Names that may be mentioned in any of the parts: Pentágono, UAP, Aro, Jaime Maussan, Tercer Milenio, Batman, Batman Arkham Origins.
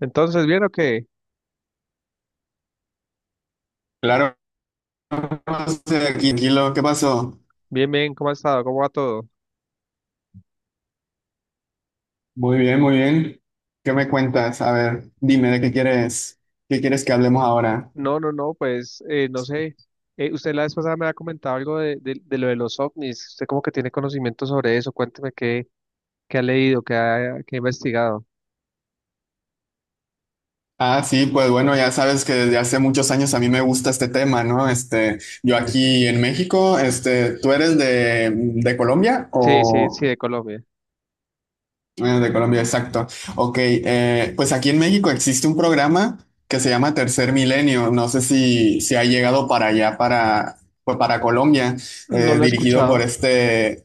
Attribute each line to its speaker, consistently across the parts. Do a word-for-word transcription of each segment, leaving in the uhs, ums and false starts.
Speaker 1: Entonces, ¿bien o qué?
Speaker 2: Claro, estoy aquí, tranquilo. ¿Qué pasó?
Speaker 1: Bien, bien, ¿cómo ha estado? ¿Cómo va todo?
Speaker 2: Muy bien, muy bien. ¿Qué me cuentas? A ver, dime de qué quieres, qué quieres que hablemos ahora.
Speaker 1: No, no, no, pues eh, no sé. Eh, usted la vez pasada me ha comentado algo de, de, de lo de los ovnis. Usted como que tiene conocimiento sobre eso. Cuénteme qué, qué ha leído, qué ha, qué ha investigado.
Speaker 2: Ah, sí, pues bueno, ya sabes que desde hace muchos años a mí me gusta este tema, ¿no? Este, yo aquí en México, este, ¿tú eres de, de Colombia
Speaker 1: Sí, sí, sí,
Speaker 2: o?
Speaker 1: de Colombia.
Speaker 2: Ah, de Colombia, exacto. Ok, eh, pues aquí en México existe un programa que se llama Tercer Milenio. No sé si, si ha llegado para allá, para, pues para Colombia,
Speaker 1: No
Speaker 2: eh,
Speaker 1: lo he
Speaker 2: dirigido por
Speaker 1: escuchado.
Speaker 2: este.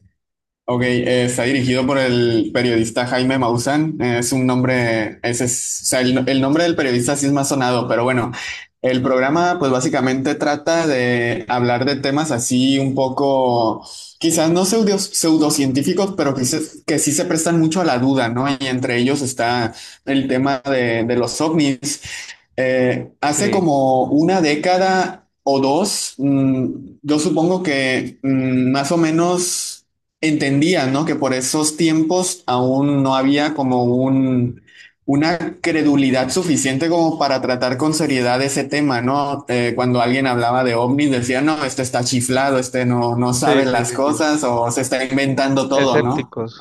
Speaker 2: Ok, eh, está dirigido por el periodista Jaime Maussan. Eh, es un nombre, ese es, o sea, el, el nombre del periodista sí es más sonado, pero bueno, el programa pues básicamente trata de hablar de temas así un poco, quizás no pseudo, pseudocientíficos, pero que, se- que sí se prestan mucho a la duda, ¿no? Y entre ellos está el tema de, de los ovnis. Eh, hace
Speaker 1: Sí,
Speaker 2: como una década o dos, mm, yo supongo que mm, más o menos entendía, ¿no? Que por esos tiempos aún no había como un, una credulidad suficiente como para tratar con seriedad ese tema, ¿no? Eh, cuando alguien hablaba de ovnis, decía, no, este está chiflado, este no, no
Speaker 1: sí,
Speaker 2: sabe
Speaker 1: sí,
Speaker 2: las
Speaker 1: sí, sí.
Speaker 2: cosas o se está inventando todo, ¿no?
Speaker 1: Escépticos.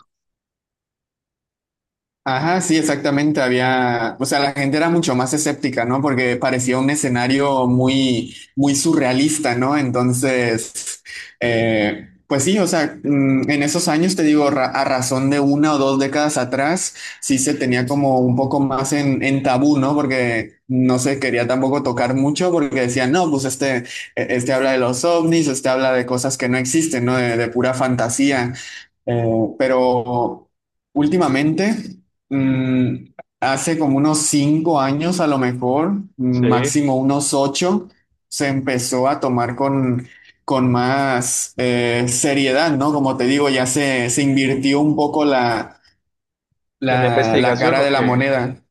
Speaker 2: Ajá, sí, exactamente. Había, o sea, la gente era mucho más escéptica, ¿no? Porque parecía un escenario muy, muy surrealista, ¿no? Entonces, eh, pues sí, o sea, mm, en esos años, te digo, ra- a razón de una o dos décadas atrás, sí se tenía como un poco más en, en tabú, ¿no? Porque no se quería tampoco tocar mucho porque decían, no, pues este, e- este habla de los ovnis, este habla de cosas que no existen, ¿no? De, de pura fantasía. Eh, pero últimamente. Mm, hace como unos cinco años, a lo mejor,
Speaker 1: Sí.
Speaker 2: máximo unos ocho, se empezó a tomar con, con más eh, seriedad, ¿no? Como te digo, ya se, se invirtió un poco la,
Speaker 1: ¿En la
Speaker 2: la, la
Speaker 1: investigación
Speaker 2: cara
Speaker 1: o
Speaker 2: de la
Speaker 1: qué?
Speaker 2: moneda.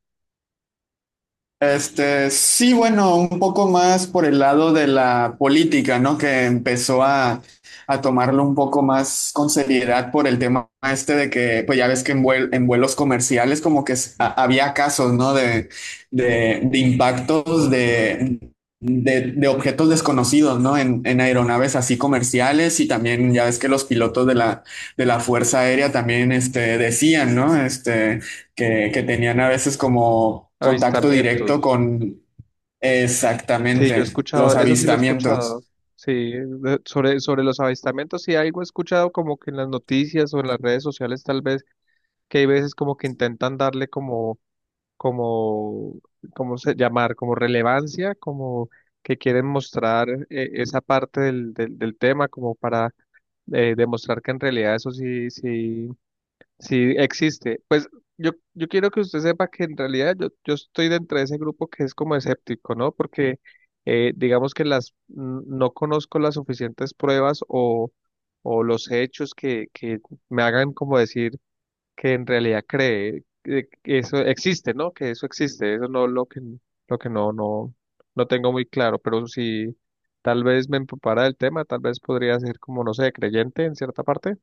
Speaker 2: Este, sí, bueno, un poco más por el lado de la política, ¿no? Que empezó a, a tomarlo un poco más con seriedad por el tema este de que, pues ya ves que en, vuel- en vuelos comerciales como que s- a- había casos, ¿no? De, de, de impactos de, de, de objetos desconocidos, ¿no? En, en aeronaves así comerciales y también ya ves que los pilotos de la, de la Fuerza Aérea también, este, decían, ¿no? Este que, que tenían a veces como contacto directo
Speaker 1: Avistamientos.
Speaker 2: con.
Speaker 1: Sí, yo he
Speaker 2: Exactamente los
Speaker 1: escuchado, eso sí lo he
Speaker 2: avistamientos.
Speaker 1: escuchado. Sí, de- sobre, sobre los avistamientos, sí algo he escuchado como que en las noticias o en las redes sociales tal vez, que hay veces como que intentan darle como, como, ¿cómo se llamar? Como relevancia, como que quieren mostrar eh, esa parte del, del, del tema como para eh, demostrar que en realidad eso sí, sí, sí, existe. Pues yo, yo quiero que usted sepa que en realidad yo, yo estoy dentro de ese grupo que es como escéptico, ¿no? Porque eh, digamos que las n- no conozco las suficientes pruebas o, o los hechos que, que me hagan como decir que en realidad cree que que eso existe, ¿no? Que eso existe. Eso no lo que lo que no, no, No tengo muy claro. Pero si tal vez me empapara del tema, tal vez podría ser como, no sé, creyente en cierta parte.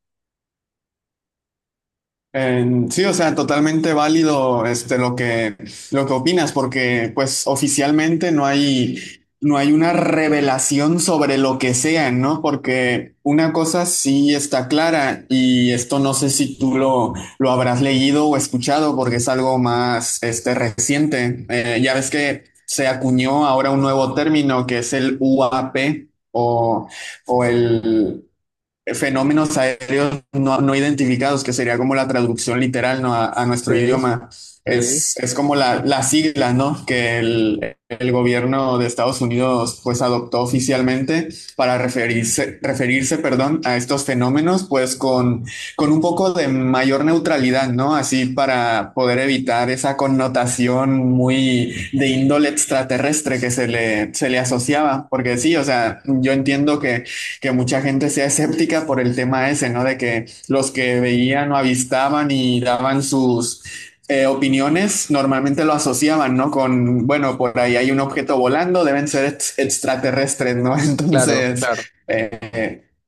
Speaker 2: Eh, sí, o sea, totalmente válido este, lo que, lo que opinas, porque pues oficialmente no hay, no hay una revelación sobre lo que sean, ¿no? Porque una cosa sí está clara y esto no sé si tú lo, lo habrás leído o escuchado porque es algo más este, reciente. Eh, ya ves que se acuñó ahora un nuevo término que es el U A P o, o el fenómenos aéreos no, no identificados, que sería como la traducción literal, ¿no? a, a
Speaker 1: Sí,
Speaker 2: nuestro idioma.
Speaker 1: sí,
Speaker 2: Es, es como la, la sigla, ¿no? Que el, el gobierno de Estados Unidos pues adoptó oficialmente para referirse, referirse perdón, a estos fenómenos pues con, con un poco de mayor neutralidad, ¿no? Así para poder evitar esa connotación muy de índole extraterrestre que se le, se le asociaba, porque sí, o sea, yo entiendo que que mucha gente sea escéptica por el tema ese, ¿no? De que los que veían o avistaban y daban sus eh, opiniones normalmente lo asociaban, ¿no? Con, bueno, por ahí hay un objeto volando, deben ser ex- extraterrestres, ¿no?
Speaker 1: claro,
Speaker 2: Entonces,
Speaker 1: claro.
Speaker 2: eh,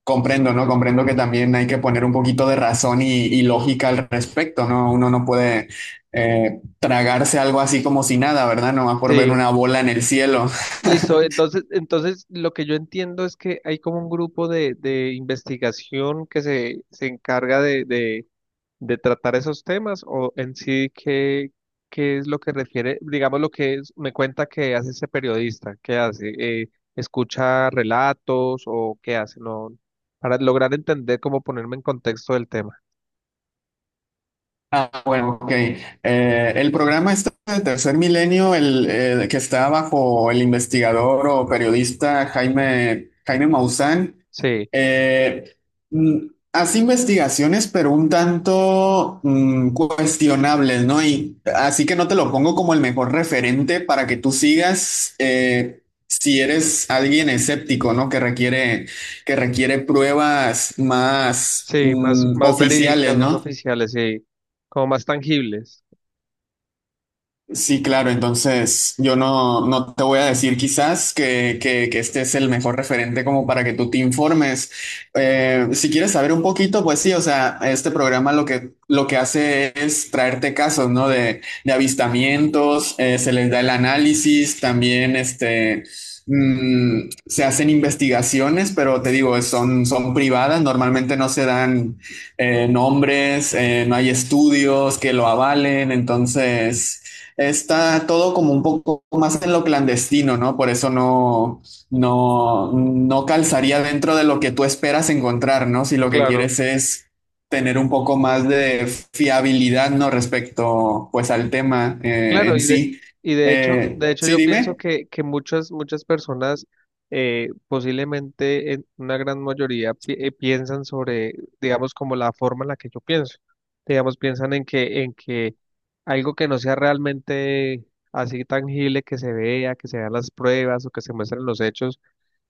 Speaker 2: comprendo, ¿no? Comprendo que también hay que poner un poquito de razón y, y lógica al respecto, ¿no? Uno no puede eh, tragarse algo así como si nada, ¿verdad? Nomás por ver
Speaker 1: Sí,
Speaker 2: una bola en el cielo.
Speaker 1: listo. Entonces, entonces lo que yo entiendo es que hay como un grupo de, de investigación que se, se encarga de, de, de tratar esos temas o en sí qué, qué es lo que refiere, digamos lo que es- me cuenta que hace ese periodista, qué hace, Eh, escucha relatos o qué hace, no, para lograr entender cómo ponerme en contexto del tema.
Speaker 2: Ah, bueno, ok. Eh, el programa este de Tercer Milenio, el eh, que está bajo el investigador o periodista Jaime, Jaime Maussan,
Speaker 1: Sí,
Speaker 2: eh, mm, hace investigaciones, pero un tanto mm, cuestionables, ¿no? Y así que no te lo pongo como el mejor referente para que tú sigas eh, si eres alguien escéptico, ¿no? Que requiere, que requiere pruebas más
Speaker 1: sí, más,
Speaker 2: mm,
Speaker 1: más
Speaker 2: oficiales,
Speaker 1: verídicas, más
Speaker 2: ¿no?
Speaker 1: oficiales, sí, como más tangibles.
Speaker 2: Sí, claro, entonces yo no, no te voy a decir quizás que, que- que este es el mejor referente como para que tú te informes. Eh, si quieres saber un poquito, pues sí, o sea, este programa lo que, lo que hace es traerte casos, ¿no? De, de avistamientos, eh, se les da el análisis, también este, mm, se hacen investigaciones, pero te digo, son, son privadas, normalmente no se dan eh, nombres, eh, no hay estudios que lo avalen, entonces está todo como un poco más en lo clandestino, ¿no? Por eso no, no, no calzaría dentro de lo que tú esperas encontrar, ¿no? Si lo que quieres es tener un poco más de fiabilidad, ¿no? Respecto, pues, al tema eh,
Speaker 1: Claro,
Speaker 2: en
Speaker 1: y de,
Speaker 2: sí.
Speaker 1: y de hecho,
Speaker 2: Eh,
Speaker 1: de hecho
Speaker 2: sí,
Speaker 1: yo pienso
Speaker 2: dime.
Speaker 1: que, que muchas, muchas personas, eh, posiblemente en una gran mayoría, pi- eh, piensan sobre, digamos, como la forma en la que yo pienso. Digamos, piensan en que, en que algo que no sea realmente así tangible, que se vea, que se vean las pruebas o que se muestren los hechos,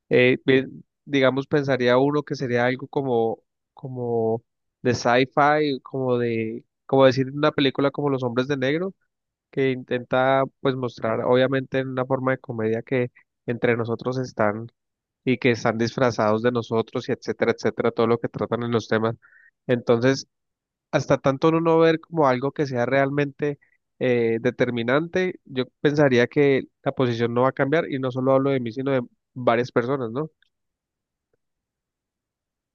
Speaker 1: eh, bien, digamos, pensaría uno que sería algo como, como de sci-fi, como de, como decir en una película como Los Hombres de Negro que intenta pues mostrar obviamente en una forma de comedia que entre nosotros están y que están disfrazados de nosotros y etcétera, etcétera, todo lo que tratan en los temas. Entonces, hasta tanto uno no ver como algo que sea realmente eh, determinante, yo pensaría que la posición no va a cambiar y no solo hablo de mí, sino de varias personas, ¿no?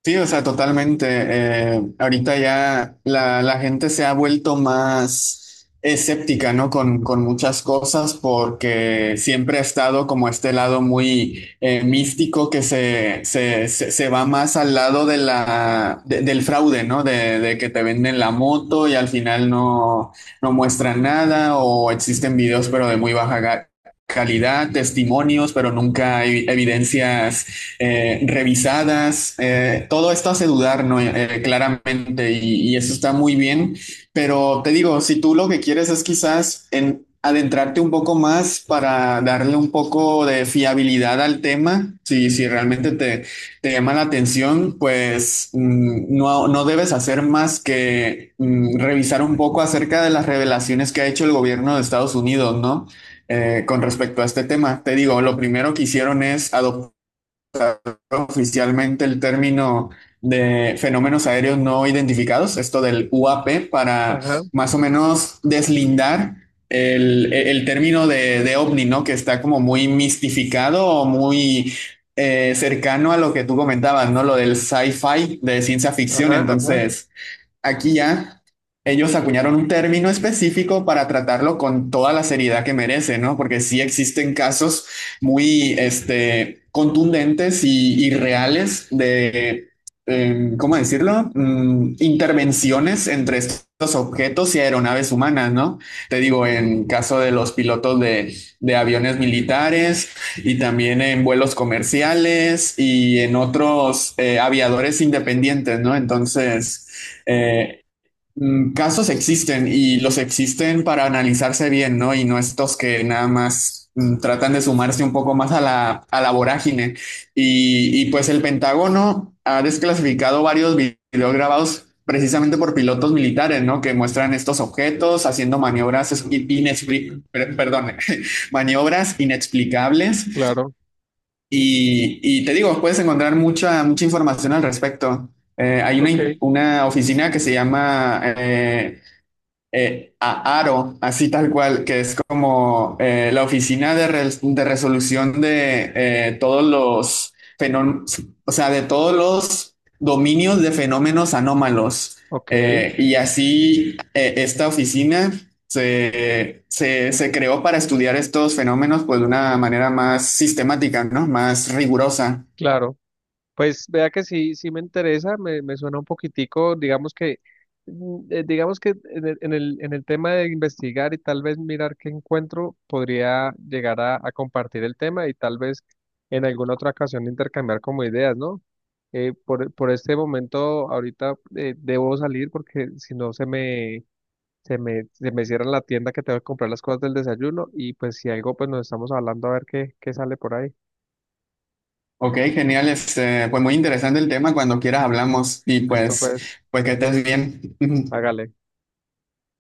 Speaker 2: Sí, o sea, totalmente. Eh, ahorita ya la, la gente se ha vuelto más escéptica, ¿no? Con, con muchas cosas porque siempre ha estado como este lado muy eh, místico que se, se, se, se va más al lado de la, de- del fraude, ¿no? De, de que te venden la moto y al final no, no muestran nada o existen videos pero de muy baja ga- calidad, testimonios, pero nunca hay evidencias eh, revisadas, eh, todo esto hace dudar, ¿no? Eh, claramente, y, y, eso está muy bien, pero te digo, si tú lo que quieres es quizás en adentrarte un poco más para darle un poco de fiabilidad al tema, si, si realmente te, te llama la atención, pues mm, no, no debes hacer más que mm, revisar un poco acerca de las revelaciones que ha hecho el gobierno de Estados Unidos, ¿no? Eh, con respecto a este tema. Te digo, lo primero que hicieron es adoptar oficialmente el término de fenómenos aéreos no identificados, esto del U A P, para
Speaker 1: Ajá,
Speaker 2: más o menos deslindar el, el término de, de ovni, ¿no? Que está como muy mistificado o muy eh, cercano a lo que tú comentabas, ¿no? Lo del sci-fi, de ciencia ficción.
Speaker 1: ajá, ajá,
Speaker 2: Entonces, aquí ya ellos acuñaron un término específico para tratarlo con toda la seriedad que merece, ¿no? Porque sí existen casos muy, este, contundentes y, y reales de, eh, ¿cómo decirlo? Mm, intervenciones entre estos objetos y aeronaves humanas, ¿no? Te digo, en caso de los pilotos de, de aviones militares y también en vuelos comerciales y en otros eh, aviadores independientes, ¿no? Entonces. Eh, mm, casos existen y los existen para analizarse bien, ¿no? Y no estos que nada más mm, tratan de sumarse un poco más a la, a la vorágine. Y, y pues el Pentágono ha desclasificado varios vi- videos grabados precisamente por pilotos militares, ¿no? Que muestran estos objetos haciendo maniobras, es- inexpli- per- perdón, maniobras inexplicables
Speaker 1: claro,
Speaker 2: y, y te digo, puedes encontrar mucha, mucha información al respecto. Eh, hay una,
Speaker 1: ok,
Speaker 2: in- una oficina que se llama eh, eh, a Aro, así tal cual, que es como eh, la oficina de, res- de resolución de eh, todos los fenómenos, o sea, de todos los dominios de fenómenos anómalos.
Speaker 1: ok,
Speaker 2: Eh, y así eh, esta oficina se, se, se creó para estudiar estos fenómenos pues de una manera más sistemática, ¿no? Más rigurosa.
Speaker 1: claro. Pues vea que sí, sí me interesa, me, me suena un poquitico, digamos que, mm, eh, digamos que en el, en el, en el tema de investigar y tal vez mirar qué encuentro, podría llegar a, a compartir el tema y tal vez en alguna otra ocasión intercambiar como ideas, ¿no? Eh, por, por este momento, ahorita eh, debo salir porque si no se me, se me, se me cierra la tienda que tengo que comprar las cosas del desayuno y pues si algo, pues nos estamos hablando a ver qué, qué sale por ahí.
Speaker 2: Ok, genial. Este, pues muy interesante el tema. Cuando quieras hablamos y
Speaker 1: Listo,
Speaker 2: pues,
Speaker 1: pues,
Speaker 2: pues que estés bien.
Speaker 1: hágale.